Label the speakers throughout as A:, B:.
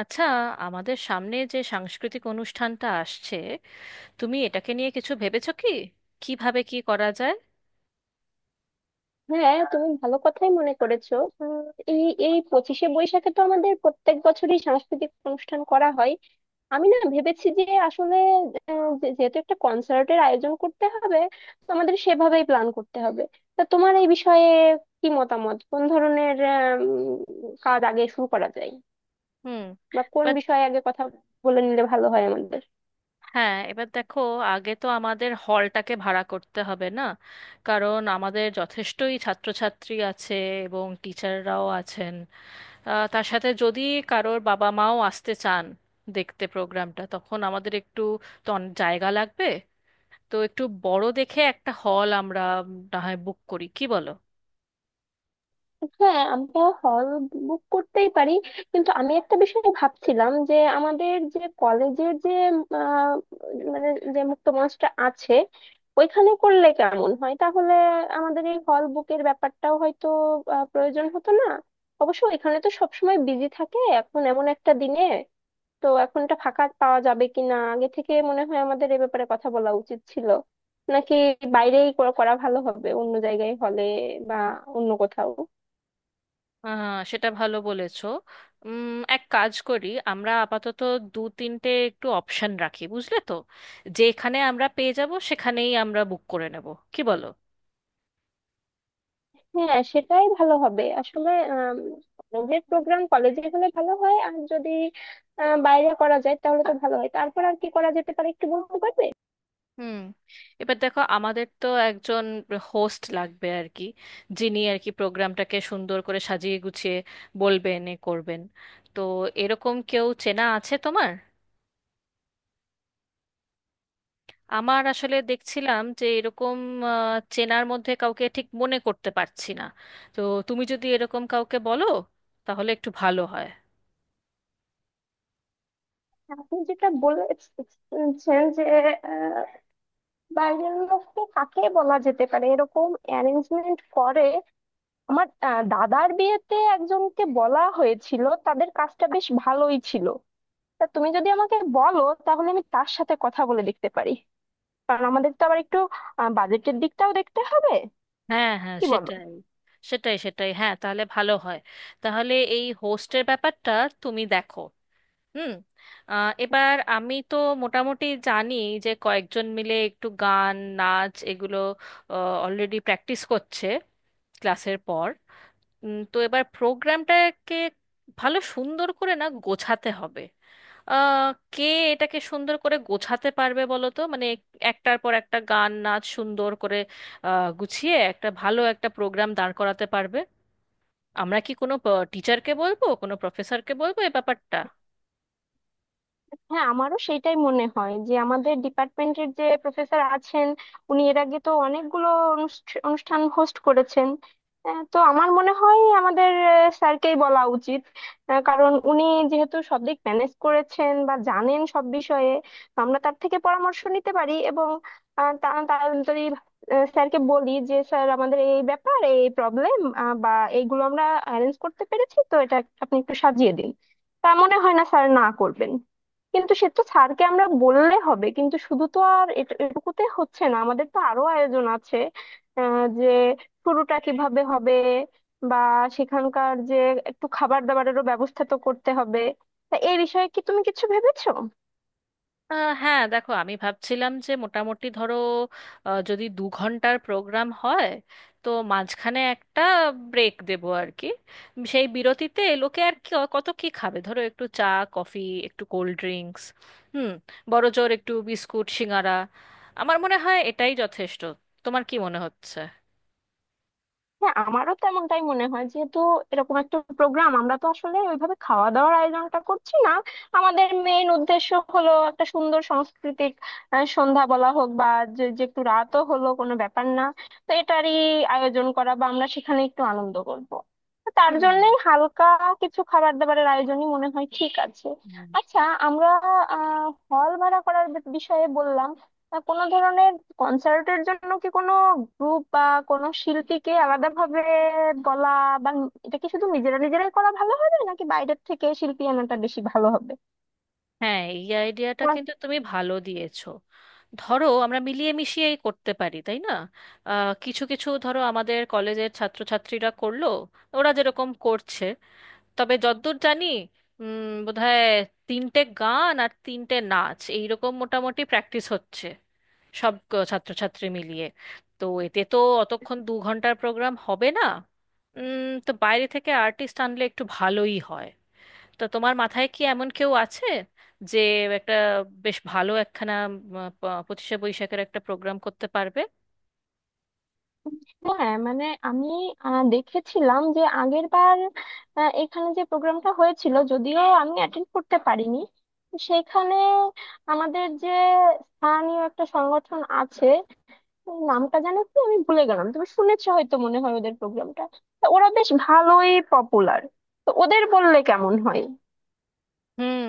A: আচ্ছা, আমাদের সামনে যে সাংস্কৃতিক অনুষ্ঠানটা আসছে, তুমি এটাকে নিয়ে কিছু ভেবেছো কি? কিভাবে কি করা যায়?
B: হ্যাঁ, তুমি ভালো কথাই মনে করেছো। উম, এই এই পঁচিশে বৈশাখে তো আমাদের প্রত্যেক বছরই সাংস্কৃতিক অনুষ্ঠান করা হয়। আমি না ভেবেছি যে আসলে যেহেতু একটা কনসার্টের আয়োজন করতে হবে, তো আমাদের সেভাবেই প্ল্যান করতে হবে। তা তোমার এই বিষয়ে কি মতামত? কোন ধরনের কাজ আগে শুরু করা যায়
A: হুম।
B: বা কোন
A: এবার,
B: বিষয়ে আগে কথা বলে নিলে ভালো হয় আমাদের?
A: হ্যাঁ এবার দেখো, আগে তো আমাদের হলটাকে ভাড়া করতে হবে না? কারণ আমাদের যথেষ্টই ছাত্রছাত্রী আছে এবং টিচাররাও আছেন। তার সাথে যদি কারোর বাবা মাও আসতে চান দেখতে প্রোগ্রামটা, তখন আমাদের একটু, তো অনেক জায়গা লাগবে। তো একটু বড় দেখে একটা হল আমরা, না হয় বুক করি, কি বলো?
B: হ্যাঁ, আমরা হল বুক করতেই পারি, কিন্তু আমি একটা বিষয় ভাবছিলাম, যে আমাদের যে কলেজের যে আহ, মানে যে মুক্ত মঞ্চটা আছে ওইখানে করলে কেমন হয়? তাহলে আমাদের এই হল বুকের ব্যাপারটাও হয়তো প্রয়োজন হতো না। অবশ্য এখানে তো সবসময় বিজি থাকে, এখন এমন একটা দিনে তো এখন এটা ফাঁকা পাওয়া যাবে কিনা, আগে থেকে মনে হয় আমাদের এ ব্যাপারে কথা বলা উচিত ছিল। নাকি বাইরেই করা করা ভালো হবে, অন্য জায়গায় হলে বা অন্য কোথাও?
A: আহ, সেটা ভালো বলেছো। উম এক কাজ করি, আমরা আপাতত দু তিনটে একটু অপশন রাখি, বুঝলে তো? যেখানে আমরা পেয়ে যাব সেখানেই আমরা বুক করে নেব, কি বলো?
B: হ্যাঁ, সেটাই ভালো হবে আসলে। কলেজের প্রোগ্রাম কলেজে হলে ভালো হয়, আর যদি বাইরে করা যায় তাহলে তো ভালো হয়। তারপর আর কি করা যেতে পারে একটু বলতে পারবে?
A: হুম। এবার দেখো, আমাদের তো একজন হোস্ট লাগবে আর কি, যিনি আর কি প্রোগ্রামটাকে সুন্দর করে সাজিয়ে গুছিয়ে বলবেন এ করবেন। তো এরকম কেউ চেনা আছে তোমার? আমার আসলে দেখছিলাম যে এরকম চেনার মধ্যে কাউকে ঠিক মনে করতে পারছি না। তো তুমি যদি এরকম কাউকে বলো তাহলে একটু ভালো হয়।
B: আপনি যেটা বলেছেন যে আহ, বাইরের লোককে কাকে বলা যেতে পারে এরকম অ্যারেঞ্জমেন্ট করে, আমার দাদার বিয়েতে একজনকে বলা হয়েছিল, তাদের কাজটা বেশ ভালোই ছিল। তা তুমি যদি আমাকে বলো, তাহলে আমি তার সাথে কথা বলে দেখতে পারি। কারণ আমাদের তো আবার একটু বাজেটের দিকটাও দেখতে হবে,
A: হ্যাঁ, হ্যাঁ,
B: কি বলো?
A: সেটাই, সেটাই, সেটাই, হ্যাঁ তাহলে ভালো হয়। তাহলে এই হোস্টের ব্যাপারটা তুমি দেখো। হুম। এবার আমি তো মোটামুটি জানি যে কয়েকজন মিলে একটু গান নাচ এগুলো অলরেডি প্র্যাকটিস করছে ক্লাসের পর। তো এবার প্রোগ্রামটাকে ভালো সুন্দর করে না গোছাতে হবে। আহ, কে এটাকে সুন্দর করে গোছাতে পারবে বলো তো? মানে একটার পর একটা গান নাচ সুন্দর করে গুছিয়ে একটা ভালো একটা প্রোগ্রাম দাঁড় করাতে পারবে। আমরা কি কোনো টিচারকে বলবো, কোনো প্রফেসরকে বলবো এ ব্যাপারটা?
B: হ্যাঁ, আমারও সেটাই মনে হয়, যে আমাদের ডিপার্টমেন্টের যে প্রফেসর আছেন উনি এর আগে তো অনেকগুলো অনুষ্ঠান হোস্ট করেছেন। তো আমার মনে হয় আমাদের স্যারকেই বলা উচিত। কারণ উনি যেহেতু সব দিক ম্যানেজ করেছেন বা জানেন সব বিষয়ে, তো আমরা তার থেকে পরামর্শ নিতে পারি। এবং আহ, তা তা- যদি স্যারকে বলি যে স্যার আমাদের এই ব্যাপার, এই প্রবলেম বা এইগুলো আমরা অ্যারেঞ্জ করতে পেরেছি, তো এটা আপনি একটু সাজিয়ে দিন, তা মনে হয় না স্যার না করবেন। কিন্তু সে তো স্যারকে আমরা বললে হবে, কিন্তু শুধু তো আর এটুকুতে হচ্ছে না, আমাদের তো আরো আয়োজন আছে। যে শুরুটা কিভাবে হবে বা সেখানকার যে একটু খাবার দাবারেরও ব্যবস্থা তো করতে হবে। তা এই বিষয়ে কি তুমি কিছু ভেবেছো?
A: হ্যাঁ, দেখো আমি ভাবছিলাম যে মোটামুটি ধরো, যদি 2 ঘন্টার প্রোগ্রাম হয়, তো মাঝখানে একটা ব্রেক দেব আর কি। সেই বিরতিতে লোকে আর কি কত কি খাবে, ধরো একটু চা, কফি, একটু কোল্ড ড্রিঙ্কস, হুম বড়জোর একটু বিস্কুট সিঙারা। আমার মনে হয় এটাই যথেষ্ট, তোমার কি মনে হচ্ছে?
B: হ্যাঁ, আমারও তো এমনটাই মনে হয়। যেহেতু এরকম একটা প্রোগ্রাম, আমরা তো আসলে ওইভাবে খাওয়া দাওয়ার আয়োজনটা করছি না। আমাদের মেইন উদ্দেশ্য হলো একটা সুন্দর সাংস্কৃতিক সন্ধ্যা বলা হোক, বা যে যে একটু রাতও হলো কোনো ব্যাপার না, তো এটারই আয়োজন করা, বা আমরা সেখানে একটু আনন্দ করব। তো তার জন্যই হালকা কিছু খাবার দাবারের আয়োজনই মনে হয় ঠিক আছে।
A: হুম।
B: আচ্ছা, আমরা আহ হল ভাড়া করার বিষয়ে বললাম। তা কোনো ধরনের কনসার্টের জন্য কি কোনো গ্রুপ বা কোনো শিল্পীকে আলাদাভাবে বলা, বা এটা কি শুধু নিজেরা নিজেরাই করা ভালো হবে, নাকি বাইরের থেকে শিল্পী আনাটা বেশি ভালো হবে?
A: হ্যাঁ, এই আইডিয়াটা
B: আমার-
A: কিন্তু তুমি ভালো দিয়েছো। ধরো আমরা মিলিয়ে মিশিয়েই করতে পারি, তাই না? কিছু কিছু ধরো আমাদের কলেজের ছাত্রছাত্রীরা করলো, ওরা যেরকম করছে। তবে যদ্দূর জানি, বোধহয় 3টে গান আর 3টে নাচ এইরকম মোটামুটি প্র্যাকটিস হচ্ছে সব ছাত্রছাত্রী মিলিয়ে। তো এতে তো অতক্ষণ 2 ঘন্টার প্রোগ্রাম হবে না। তো বাইরে থেকে আর্টিস্ট আনলে একটু ভালোই হয়। তা তোমার মাথায় কি এমন কেউ আছে যে একটা বেশ ভালো একখানা 25শে বৈশাখের একটা প্রোগ্রাম করতে পারবে?
B: হ্যাঁ, মানে আমি দেখেছিলাম যে আগের বার এখানে যে প্রোগ্রামটা হয়েছিল, যদিও আমি অ্যাটেন্ড করতে পারিনি, সেখানে আমাদের যে স্থানীয় একটা সংগঠন আছে, এই নামটা জানো কি? আমি ভুলে গেলাম। তুমি শুনেছো হয়তো, মনে হয় ওদের প্রোগ্রামটা, ওরা বেশ ভালোই পপুলার। তো ওদের বললে কেমন হয়?
A: হুম।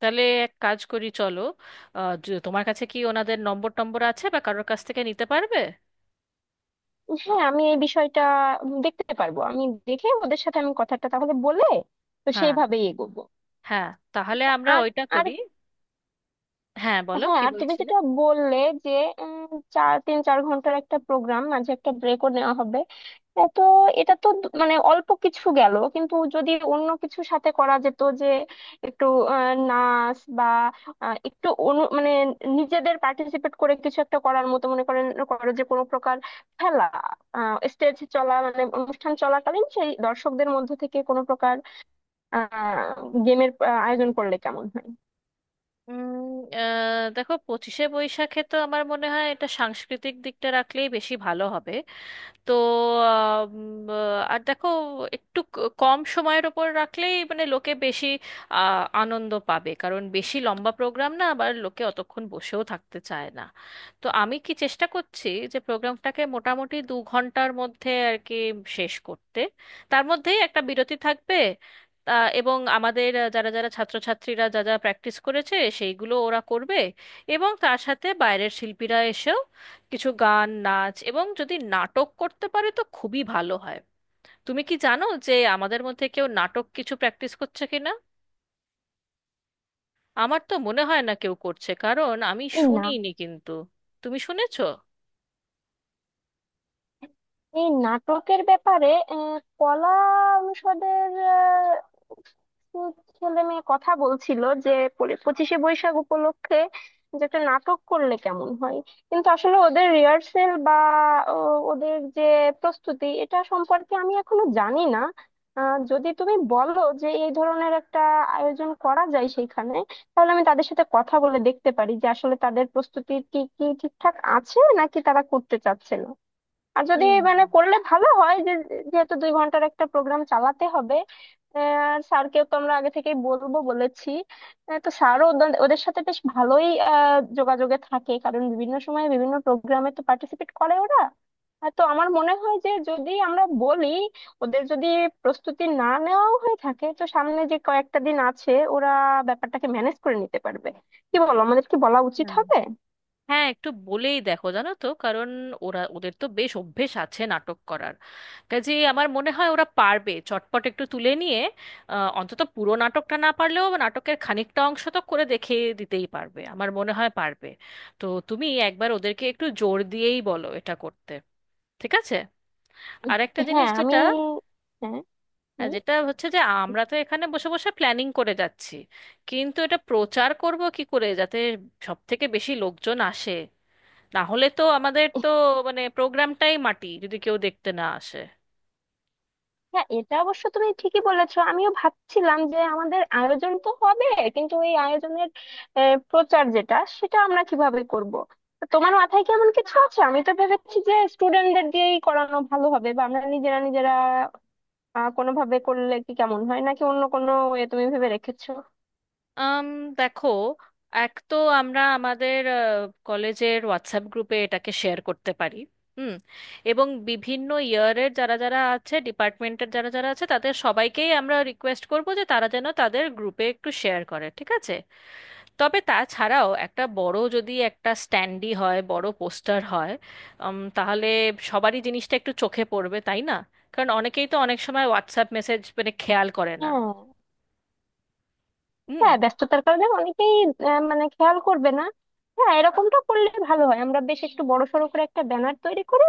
A: তাহলে এক কাজ করি চলো, তোমার কাছে কি ওনাদের নম্বর টম্বর আছে বা কারোর কাছ থেকে নিতে পারবে?
B: হ্যাঁ, আমি এই বিষয়টা দেখতে পারবো। আমি দেখে ওদের সাথে আমি কথাটা তাহলে বলে, তো
A: হ্যাঁ,
B: সেইভাবেই এগোবো।
A: হ্যাঁ, তাহলে আমরা
B: আর
A: ওইটা
B: আর
A: করি। হ্যাঁ, বলো
B: হ্যাঁ,
A: কি
B: আর তুমি
A: বলছিলে?
B: যেটা বললে যে উম, তিন চার ঘন্টার একটা প্রোগ্রাম, মাঝে একটা ব্রেকও নেওয়া হবে, এ তো এটা তো মানে অল্প কিছু গেল। কিন্তু যদি অন্য কিছুর সাথে করা যেত, যে একটু নাচ বা একটু মানে নিজেদের পার্টিসিপেট করে কিছু একটা করার মতো মনে করো, যে কোনো প্রকার খেলা, স্টেজ চলা মানে অনুষ্ঠান চলাকালীন সেই দর্শকদের মধ্যে থেকে কোনো প্রকার আহ গেমের আয়োজন করলে কেমন হয়?
A: উম, দেখো 25শে বৈশাখে তো আমার মনে হয় এটা সাংস্কৃতিক দিকটা রাখলেই বেশি ভালো হবে। তো আম, আর দেখো, একটু কম সময়ের ওপর রাখলেই মানে লোকে বেশি আনন্দ পাবে, কারণ বেশি লম্বা প্রোগ্রাম না, আবার লোকে অতক্ষণ বসেও থাকতে চায় না। তো আমি কি চেষ্টা করছি যে প্রোগ্রামটাকে মোটামুটি 2 ঘন্টার মধ্যে আর কি শেষ করতে, তার মধ্যেই একটা বিরতি থাকবে। এবং আমাদের যারা যারা ছাত্রছাত্রীরা যা যা প্র্যাকটিস করেছে সেইগুলো ওরা করবে, এবং তার সাথে বাইরের শিল্পীরা এসেও কিছু গান নাচ এবং যদি নাটক করতে পারে তো খুবই ভালো হয়। তুমি কি জানো যে আমাদের মধ্যে কেউ নাটক কিছু প্র্যাকটিস করছে কিনা? আমার তো মনে হয় না কেউ করছে, কারণ আমি
B: এই না
A: শুনিনি, কিন্তু তুমি শুনেছো?
B: এই নাটকের ব্যাপারে, আহ, কলা অনুষদের ছেলে মেয়ে কথা বলছিল যে পঁচিশে বৈশাখ উপলক্ষে যে একটা নাটক করলে কেমন হয়। কিন্তু আসলে ওদের রিহার্সেল বা ও, ওদের যে প্রস্তুতি, এটা সম্পর্কে আমি এখনো জানি না। যদি তুমি বলো যে এই ধরনের একটা আয়োজন করা যায় সেইখানে, তাহলে আমি তাদের সাথে কথা বলে দেখতে পারি, যে আসলে তাদের প্রস্তুতি কি কি ঠিকঠাক আছে, নাকি তারা করতে চাচ্ছে না। আর যদি
A: হুম।
B: মানে করলে ভালো হয়, যে যেহেতু 2 ঘন্টার একটা প্রোগ্রাম চালাতে হবে। আহ, আর স্যারকেও তো আমরা আগে থেকেই বলবো বলেছি। তো স্যারও ওদের ওদের সাথে বেশ ভালোই যোগাযোগে থাকে, কারণ বিভিন্ন সময় বিভিন্ন প্রোগ্রামে তো পার্টিসিপেট করে ওরা। তো আমার মনে হয় যে যদি আমরা বলি, ওদের যদি প্রস্তুতি না নেওয়াও হয়ে থাকে, তো সামনে যে কয়েকটা দিন আছে, ওরা ব্যাপারটাকে ম্যানেজ করে নিতে পারবে। কি বলো, আমাদের কি বলা উচিত
A: হুম।
B: হবে?
A: হ্যাঁ, একটু বলেই দেখো, জানো তো, কারণ ওরা, ওদের তো বেশ অভ্যেস আছে নাটক করার কাজে। আমার মনে হয় ওরা পারবে চটপট একটু তুলে নিয়ে, অন্তত পুরো নাটকটা না পারলেও নাটকের খানিকটা অংশ তো করে দেখে দিতেই পারবে, আমার মনে হয় পারবে। তো তুমি একবার ওদেরকে একটু জোর দিয়েই বলো এটা করতে, ঠিক আছে? আর একটা
B: হ্যাঁ,
A: জিনিস
B: আমি,
A: যেটা,
B: হ্যাঁ।
A: হ্যাঁ, যেটা হচ্ছে যে আমরা তো এখানে বসে বসে প্ল্যানিং করে যাচ্ছি, কিন্তু এটা প্রচার করব কি করে যাতে সব থেকে বেশি লোকজন আসে? না হলে তো আমাদের তো মানে প্রোগ্রামটাই মাটি যদি কেউ দেখতে না আসে।
B: হ্যাঁ, এটা অবশ্য তুমি ঠিকই বলেছো, আমিও ভাবছিলাম যে আমাদের আয়োজন তো হবে, কিন্তু এই আয়োজনের প্রচার যেটা, সেটা আমরা কিভাবে করব? তো তোমার মাথায় কি এমন কিছু আছে? আমি তো ভেবেছি যে স্টুডেন্টদের দিয়েই করানো ভালো হবে, বা আমরা নিজেরা নিজেরা কোনোভাবে করলে কি কেমন হয়, নাকি অন্য কোনো ওয়ে তুমি ভেবে রেখেছো?
A: আম দেখো, এক তো আমরা আমাদের কলেজের হোয়াটসঅ্যাপ গ্রুপে এটাকে শেয়ার করতে পারি। হুম এবং বিভিন্ন ইয়ারের যারা যারা আছে, ডিপার্টমেন্টের যারা যারা আছে, তাদের সবাইকেই আমরা রিকোয়েস্ট করব যে তারা যেন তাদের গ্রুপে একটু শেয়ার করে, ঠিক আছে? তবে তাছাড়াও একটা বড়, যদি একটা স্ট্যান্ডি হয় বড় পোস্টার হয়, তাহলে সবারই জিনিসটা একটু চোখে পড়বে, তাই না? কারণ অনেকেই তো অনেক সময় হোয়াটসঅ্যাপ মেসেজ মানে খেয়াল করে না।
B: হ্যাঁ,
A: হুম।
B: হ্যাঁ, ব্যস্ততার কারণে অনেকেই মানে খেয়াল করবে না। হ্যাঁ, এরকমটা করলে ভালো হয়, আমরা বেশ একটু বড় সড়ো করে একটা ব্যানার তৈরি করে,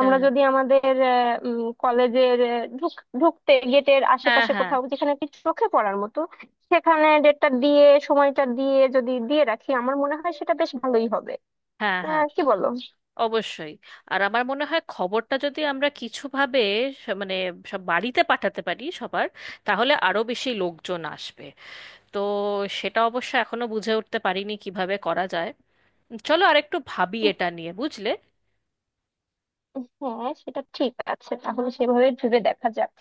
B: আমরা
A: হ্যাঁ,
B: যদি আমাদের কলেজের ঢুকতে গেটের
A: হ্যাঁ,
B: আশেপাশে
A: হ্যাঁ,
B: কোথাও, যেখানে কি চোখে পড়ার মতো সেখানে, ডেটটা দিয়ে সময়টা দিয়ে যদি দিয়ে রাখি, আমার মনে হয় সেটা বেশ ভালোই হবে।
A: হ্যাঁ, হ্যাঁ,
B: কি বলো?
A: অবশ্যই। আর আমার মনে হয় খবরটা যদি আমরা কিছুভাবে মানে সব বাড়িতে পাঠাতে পারি সবার, তাহলে আরো বেশি লোকজন আসবে। তো সেটা অবশ্য এখনো বুঝে উঠতে পারিনি কিভাবে করা যায়, চলো আরেকটু ভাবি এটা নিয়ে, বুঝলে?
B: হ্যাঁ, সেটা ঠিক আছে, তাহলে সেভাবে ভেবে দেখা যাক।